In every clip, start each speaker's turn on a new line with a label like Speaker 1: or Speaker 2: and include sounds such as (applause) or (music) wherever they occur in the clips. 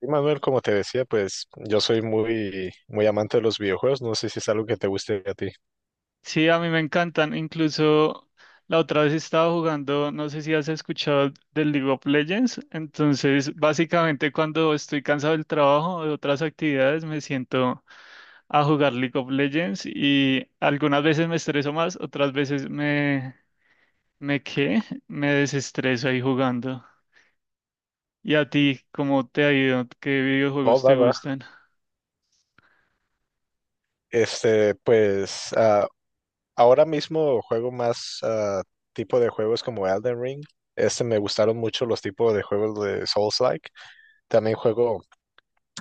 Speaker 1: Sí, Manuel, como te decía, pues yo soy muy amante de los videojuegos. No sé si es algo que te guste a ti.
Speaker 2: Sí, a mí me encantan. Incluso la otra vez estaba jugando, no sé si has escuchado del League of Legends. Entonces, básicamente cuando estoy cansado del trabajo o de otras actividades, me siento a jugar League of Legends y algunas veces me estreso más, otras veces me ¿qué? Me desestreso ahí jugando. ¿Y a ti cómo te ha ido? ¿Qué
Speaker 1: Oh,
Speaker 2: videojuegos te
Speaker 1: va, va.
Speaker 2: gustan?
Speaker 1: Este, pues ah, Ahora mismo juego más tipo de juegos como Elden Ring. Este me gustaron mucho los tipos de juegos de Souls-like. También juego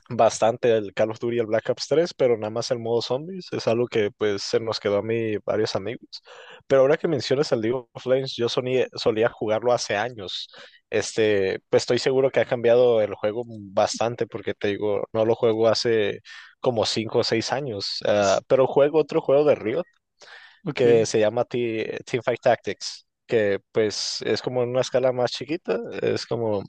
Speaker 1: bastante el Call of Duty y el Black Ops 3, pero nada más el modo zombies es algo que pues se nos quedó a mí varios amigos. Pero ahora que mencionas el League of Legends, yo solía jugarlo hace años. Pues estoy seguro que ha cambiado el juego bastante porque te digo, no lo juego hace como 5 o 6 años.
Speaker 2: S-
Speaker 1: Pero juego otro juego de Riot
Speaker 2: Ok.
Speaker 1: que se llama Teamfight Tactics, que pues es como en una escala más chiquita, es como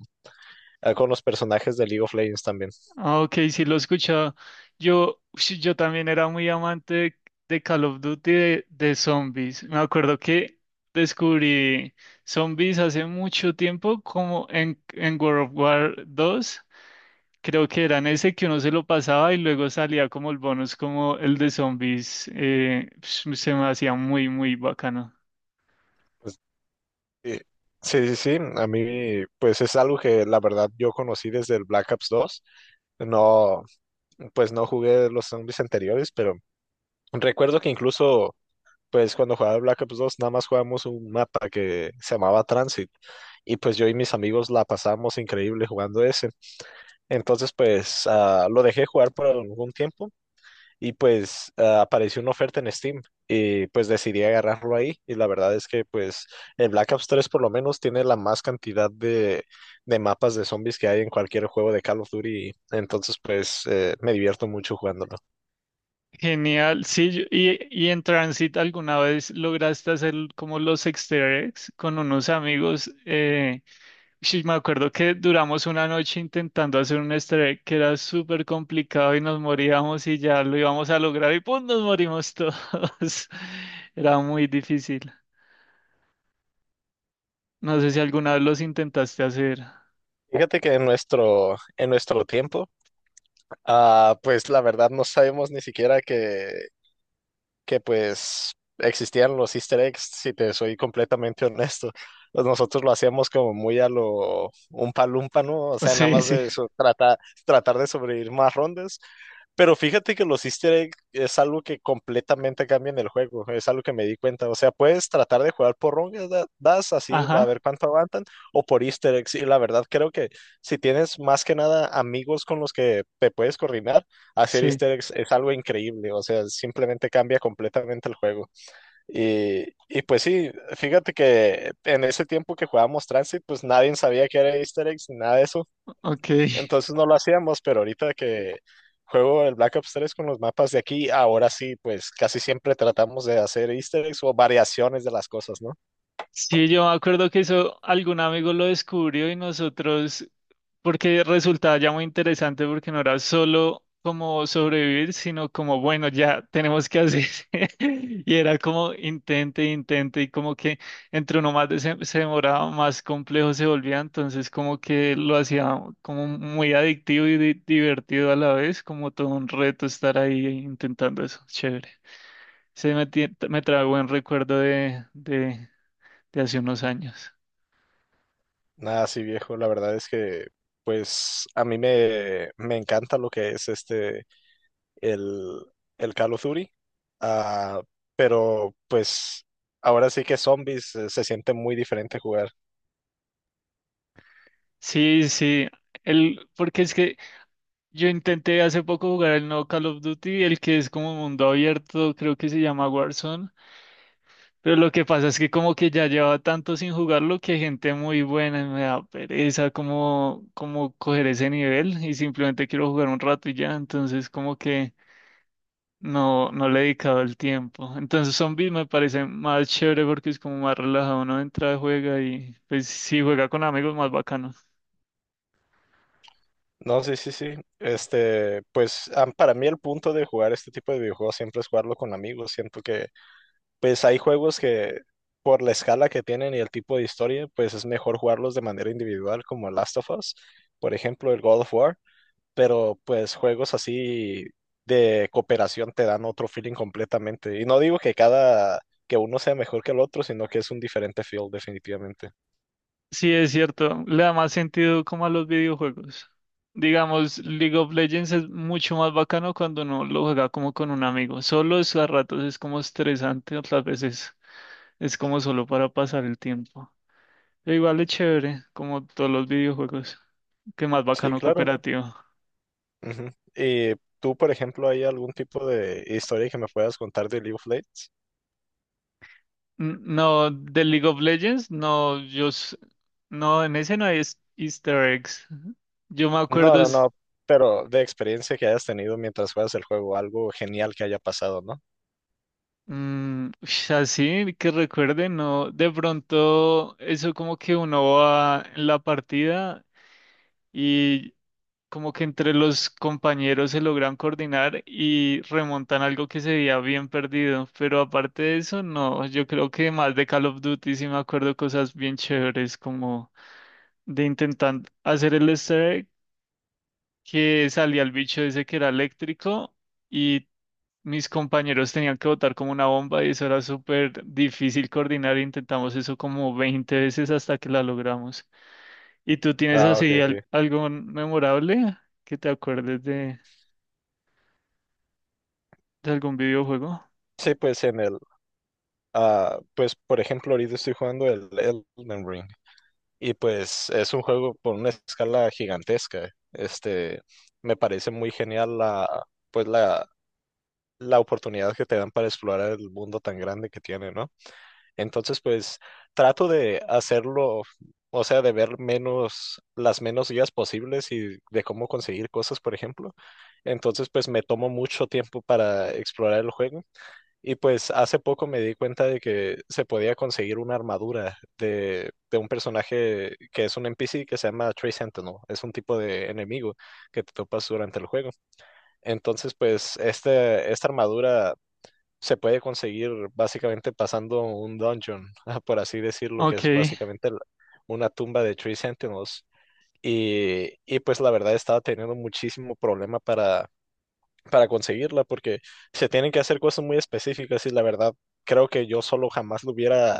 Speaker 1: con los personajes de League of Legends también.
Speaker 2: Ah, ok, sí lo he escuchado. Yo, sí, yo también era muy amante de Call of Duty de zombies. Me acuerdo que descubrí zombies hace mucho tiempo, como en World of War 2. Creo que eran ese que uno se lo pasaba y luego salía como el bonus, como el de zombies. Se me hacía muy, muy bacano.
Speaker 1: Sí, sí, sí, sí, a mí pues es algo que la verdad yo conocí desde el Black Ops dos. No, pues no jugué los zombies anteriores, pero recuerdo que incluso pues cuando jugaba el Black Ops dos, nada más jugábamos un mapa que se llamaba Transit, y pues yo y mis amigos la pasábamos increíble jugando ese. Entonces pues lo dejé jugar por algún tiempo y pues apareció una oferta en Steam y pues decidí agarrarlo ahí, y la verdad es que pues el Black Ops 3 por lo menos tiene la más cantidad de mapas de zombies que hay en cualquier juego de Call of Duty, entonces pues me divierto mucho jugándolo.
Speaker 2: Genial, sí, y en Transit alguna vez lograste hacer como los easter eggs con unos amigos. Sí, me acuerdo que duramos una noche intentando hacer un easter egg que era súper complicado y nos moríamos y ya lo íbamos a lograr y ¡pum! Nos morimos todos. (laughs) Era muy difícil. No sé si alguna vez los intentaste hacer.
Speaker 1: Fíjate que en nuestro tiempo, pues la verdad no sabemos ni siquiera que pues existían los easter eggs, si te soy completamente (laughs) honesto. Pues nosotros lo hacíamos como muy a lo un palumpa, ¿no? O sea, nada
Speaker 2: Sí,
Speaker 1: más
Speaker 2: sí.
Speaker 1: de eso, tratar de sobrevivir más rondas, pero fíjate que los easter eggs es algo que completamente cambia en el juego, es algo que me di cuenta. O sea, puedes tratar de jugar por rondas, das así, a ver
Speaker 2: Ajá,
Speaker 1: cuánto aguantan, o por easter eggs. Y la verdad creo que si tienes más que nada amigos con los que te puedes coordinar, hacer
Speaker 2: sí.
Speaker 1: easter eggs es algo increíble. O sea, simplemente cambia completamente el juego. Y, y pues sí, fíjate que en ese tiempo que jugábamos Transit, pues nadie sabía que era easter eggs ni nada de eso.
Speaker 2: Ok.
Speaker 1: Entonces no lo hacíamos, pero ahorita que juego el Black Ops 3 con los mapas de aquí, ahora sí, pues casi siempre tratamos de hacer easter eggs o variaciones de las cosas, ¿no?
Speaker 2: Sí, yo me acuerdo que eso algún amigo lo descubrió y nosotros porque resultaba ya muy interesante porque no era solo como sobrevivir, sino como, bueno, ya tenemos que hacer. (laughs) Y era como intente, intente, y como que entre uno más se demoraba, más complejo se volvía, entonces como que lo hacía como muy adictivo y di- divertido a la vez, como todo un reto estar ahí intentando eso, chévere. Se me, tie- me trae buen recuerdo de hace unos años.
Speaker 1: Nada así viejo, la verdad es que pues a mí me encanta lo que es el, el Call of Duty, ah, pero pues ahora sí que zombies se siente muy diferente jugar.
Speaker 2: Sí, sí. El, porque es que yo intenté hace poco jugar el nuevo Call of Duty, el que es como mundo abierto, creo que se llama Warzone, pero lo que pasa es que como que ya llevaba tanto sin jugarlo que gente muy buena y me da pereza como, como coger ese nivel y simplemente quiero jugar un rato y ya, entonces como que no le he dedicado el tiempo. Entonces Zombies me parece más chévere porque es como más relajado, uno entra, juega y pues si juega con amigos más bacano.
Speaker 1: No, sí, sí, sí. Para mí el punto de jugar este tipo de videojuegos siempre es jugarlo con amigos. Siento que pues hay juegos que por la escala que tienen y el tipo de historia, pues es mejor jugarlos de manera individual, como Last of Us, por ejemplo, el God of War, pero pues juegos así de cooperación te dan otro feeling completamente. Y no digo que que uno sea mejor que el otro, sino que es un diferente feel definitivamente.
Speaker 2: Sí, es cierto, le da más sentido como a los videojuegos. Digamos, League of Legends es mucho más bacano cuando uno lo juega como con un amigo. Solo es a ratos es como estresante, otras veces es como solo para pasar el tiempo. Pero igual es chévere, como todos los videojuegos, qué más
Speaker 1: Sí,
Speaker 2: bacano
Speaker 1: claro.
Speaker 2: cooperativo.
Speaker 1: Ujú. ¿Y tú, por ejemplo, hay algún tipo de historia que me puedas contar de League of Legends?
Speaker 2: No, de League of Legends, no, yo s- no, en ese no hay es- Easter eggs. Yo me
Speaker 1: No,
Speaker 2: acuerdo
Speaker 1: no,
Speaker 2: es
Speaker 1: no, pero de experiencia que hayas tenido mientras juegas el juego, algo genial que haya pasado, ¿no?
Speaker 2: mm, ush, así que recuerde, no, de pronto eso como que uno va en la partida y como que entre los compañeros se logran coordinar y remontan algo que se veía bien perdido, pero aparte de eso, no, yo creo que más de Call of Duty sí me acuerdo cosas bien chéveres como de intentar hacer el easter egg, que salía el bicho ese que era eléctrico. Y mis compañeros tenían que votar como una bomba y eso era súper difícil coordinar. Intentamos eso como 20 veces hasta que la logramos. ¿Y tú tienes
Speaker 1: Ah, ok,
Speaker 2: así al-
Speaker 1: ok.
Speaker 2: algo memorable que te acuerdes de algún videojuego?
Speaker 1: Sí, pues en pues por ejemplo, ahorita estoy jugando el Elden Ring y pues es un juego por una escala gigantesca. Me parece muy genial pues la, la oportunidad que te dan para explorar el mundo tan grande que tiene, ¿no? Entonces, pues trato de hacerlo, o sea, de ver menos, las menos guías posibles y de cómo conseguir cosas, por ejemplo. Entonces, pues me tomo mucho tiempo para explorar el juego. Y pues hace poco me di cuenta de que se podía conseguir una armadura de un personaje que es un NPC que se llama Tree Sentinel. Es un tipo de enemigo que te topas durante el juego. Entonces, pues esta armadura se puede conseguir básicamente pasando un dungeon, (laughs) por así decirlo, que
Speaker 2: Ok.
Speaker 1: es básicamente una tumba de Three Sentinels. Y pues la verdad estaba teniendo muchísimo problema para conseguirla porque se tienen que hacer cosas muy específicas, y la verdad creo que yo solo jamás lo hubiera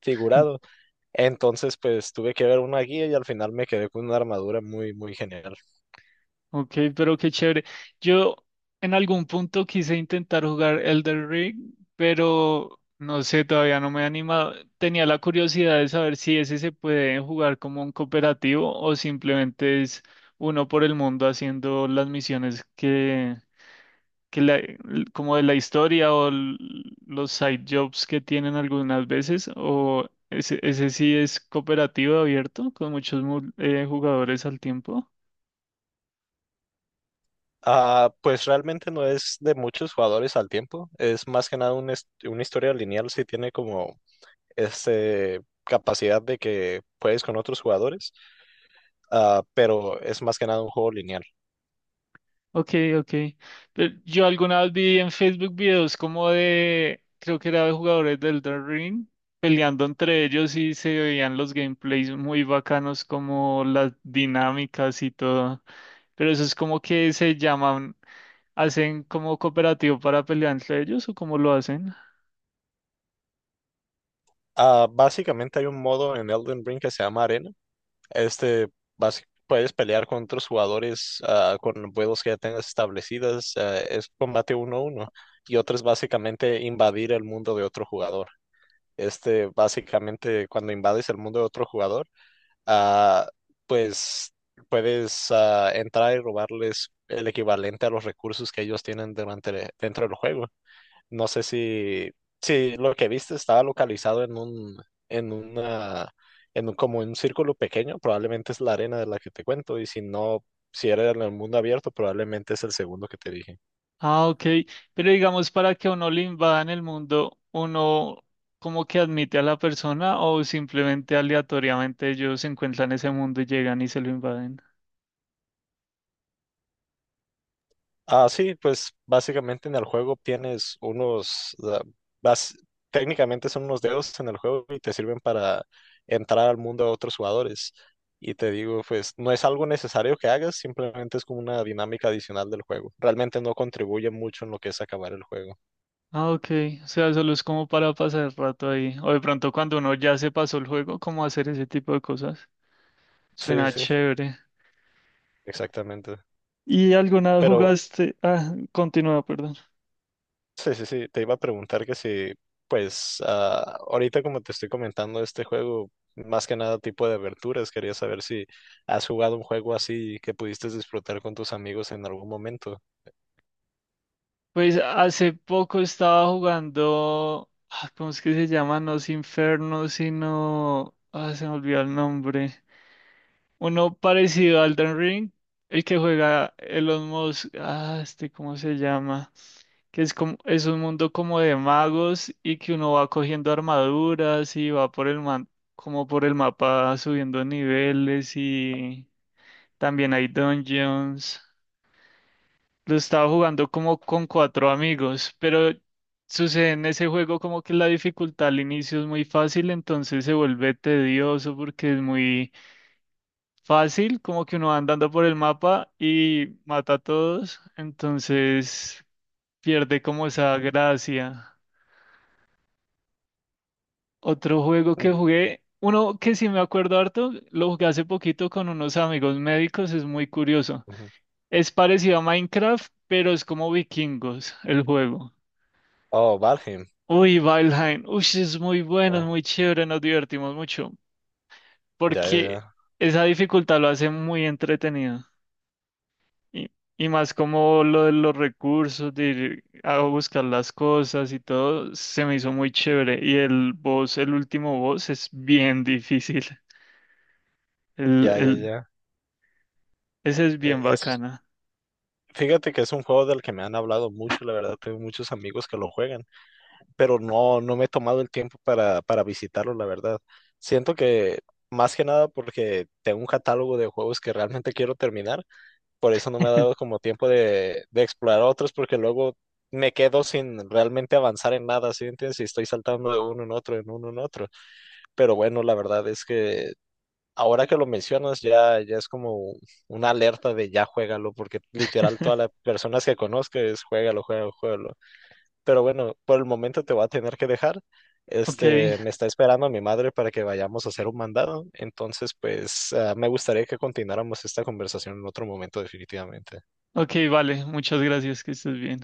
Speaker 1: figurado. Entonces pues tuve que ver una guía y al final me quedé con una armadura muy genial.
Speaker 2: Ok, pero qué chévere. Yo en algún punto quise intentar jugar Elden Ring, pero no sé, todavía no me he animado. Tenía la curiosidad de saber si ese se puede jugar como un cooperativo o simplemente es uno por el mundo haciendo las misiones que la- como de la historia o l- los side jobs que tienen algunas veces, o ese sí es cooperativo abierto con muchos mu- jugadores al tiempo.
Speaker 1: Ah, pues realmente no es de muchos jugadores al tiempo, es más que nada una historia lineal, si tiene como capacidad de que puedes con otros jugadores, pero es más que nada un juego lineal.
Speaker 2: Ok, ok. Pero yo alguna vez vi en Facebook videos como de, creo que era de jugadores del Elden Ring, peleando entre ellos y se veían los gameplays muy bacanos, como las dinámicas y todo. Pero eso es como que se llaman, hacen como cooperativo para pelear entre ellos o cómo lo hacen.
Speaker 1: Ah, básicamente hay un modo en Elden Ring que se llama Arena. Este, Puedes pelear con otros jugadores con vuelos que ya tengas establecidas. Es combate uno a uno. Y otro es básicamente invadir el mundo de otro jugador. Básicamente, cuando invades el mundo de otro jugador, ah, pues puedes entrar y robarles el equivalente a los recursos que ellos tienen durante, dentro del juego. No sé si, si lo que viste estaba localizado en en en un, como un círculo pequeño, probablemente es la arena de la que te cuento, y si no, si era en el mundo abierto, probablemente es el segundo que te dije.
Speaker 2: Ah, ok. Pero digamos, para que a uno le invadan el mundo, uno como que admite a la persona o simplemente aleatoriamente ellos se encuentran ese mundo y llegan y se lo invaden.
Speaker 1: Ah, sí, pues básicamente en el juego tienes unos, bas- técnicamente son unos dedos en el juego y te sirven para entrar al mundo de otros jugadores. Y te digo, pues no es algo necesario que hagas, simplemente es como una dinámica adicional del juego. Realmente no contribuye mucho en lo que es acabar el juego.
Speaker 2: Ah, ok. O sea, solo es como para pasar el rato ahí. O de pronto cuando uno ya se pasó el juego, como hacer ese tipo de cosas.
Speaker 1: Sí,
Speaker 2: Suena ya.
Speaker 1: sí, sí,
Speaker 2: Chévere.
Speaker 1: exactamente.
Speaker 2: ¿Y alguna vez
Speaker 1: Pero
Speaker 2: jugaste? Ah, continúa, perdón.
Speaker 1: sí, sí, sí, te iba a preguntar que si, pues, ahorita como te estoy comentando este juego, más que nada tipo de aventuras, quería saber si has jugado un juego así que pudiste disfrutar con tus amigos en algún momento.
Speaker 2: Pues hace poco estaba jugando, ¿cómo es que se llama? No es Inferno, sino... Ah, se me olvidó el nombre. Uno parecido a Elden Ring, el que juega Elon Musk. ¿Cómo se llama? Que es como, es un mundo como de magos y que uno va cogiendo armaduras y va por el man, como por el mapa subiendo niveles y también hay dungeons. Lo estaba jugando como con 4 amigos, pero sucede en ese juego como que la dificultad al inicio es muy fácil, entonces se vuelve tedioso porque es muy fácil, como que uno va andando por el mapa y mata a todos, entonces pierde como esa gracia. Otro juego que
Speaker 1: Mm,
Speaker 2: jugué, uno que sí me acuerdo harto, lo jugué hace poquito con unos amigos médicos, es muy curioso.
Speaker 1: ujú.
Speaker 2: Es parecido a Minecraft, pero es como vikingos el juego.
Speaker 1: Oh, Valheim.
Speaker 2: Uy, Valheim, uy, sí, es muy bueno, es
Speaker 1: Ah,
Speaker 2: muy chévere, nos divertimos mucho,
Speaker 1: ya,
Speaker 2: porque
Speaker 1: ya,
Speaker 2: esa dificultad lo hace muy entretenido. Y, y más como lo de los recursos, de ir a buscar las cosas y todo, se me hizo muy chévere. Y el boss, el último boss, es bien difícil. El,
Speaker 1: ya, ya, ya,
Speaker 2: el,
Speaker 1: ya.
Speaker 2: ese es bien
Speaker 1: Es,
Speaker 2: bacana.
Speaker 1: fíjate que es un juego del que me han hablado mucho, la verdad, tengo muchos amigos que lo juegan. Pero no, no me he tomado el tiempo para visitarlo, la verdad. Siento que más que nada porque tengo un catálogo de juegos que realmente quiero terminar, por eso no me ha dado como tiempo de explorar otros, porque luego me quedo sin realmente avanzar en nada, ¿sí entiendes? Y estoy saltando de uno en otro, en uno en otro. Pero bueno, la verdad es que ahora que lo mencionas ya es como una alerta de ya juégalo, porque literal todas las
Speaker 2: (laughs)
Speaker 1: personas que conozco es juégalo, juégalo, juégalo. Pero bueno, por el momento te voy a tener que dejar.
Speaker 2: Ok,
Speaker 1: Me está esperando mi madre para que vayamos a hacer un mandado. Entonces, pues, me gustaría que continuáramos esta conversación en otro momento, definitivamente.
Speaker 2: ok, vale, muchas gracias, que estés bien.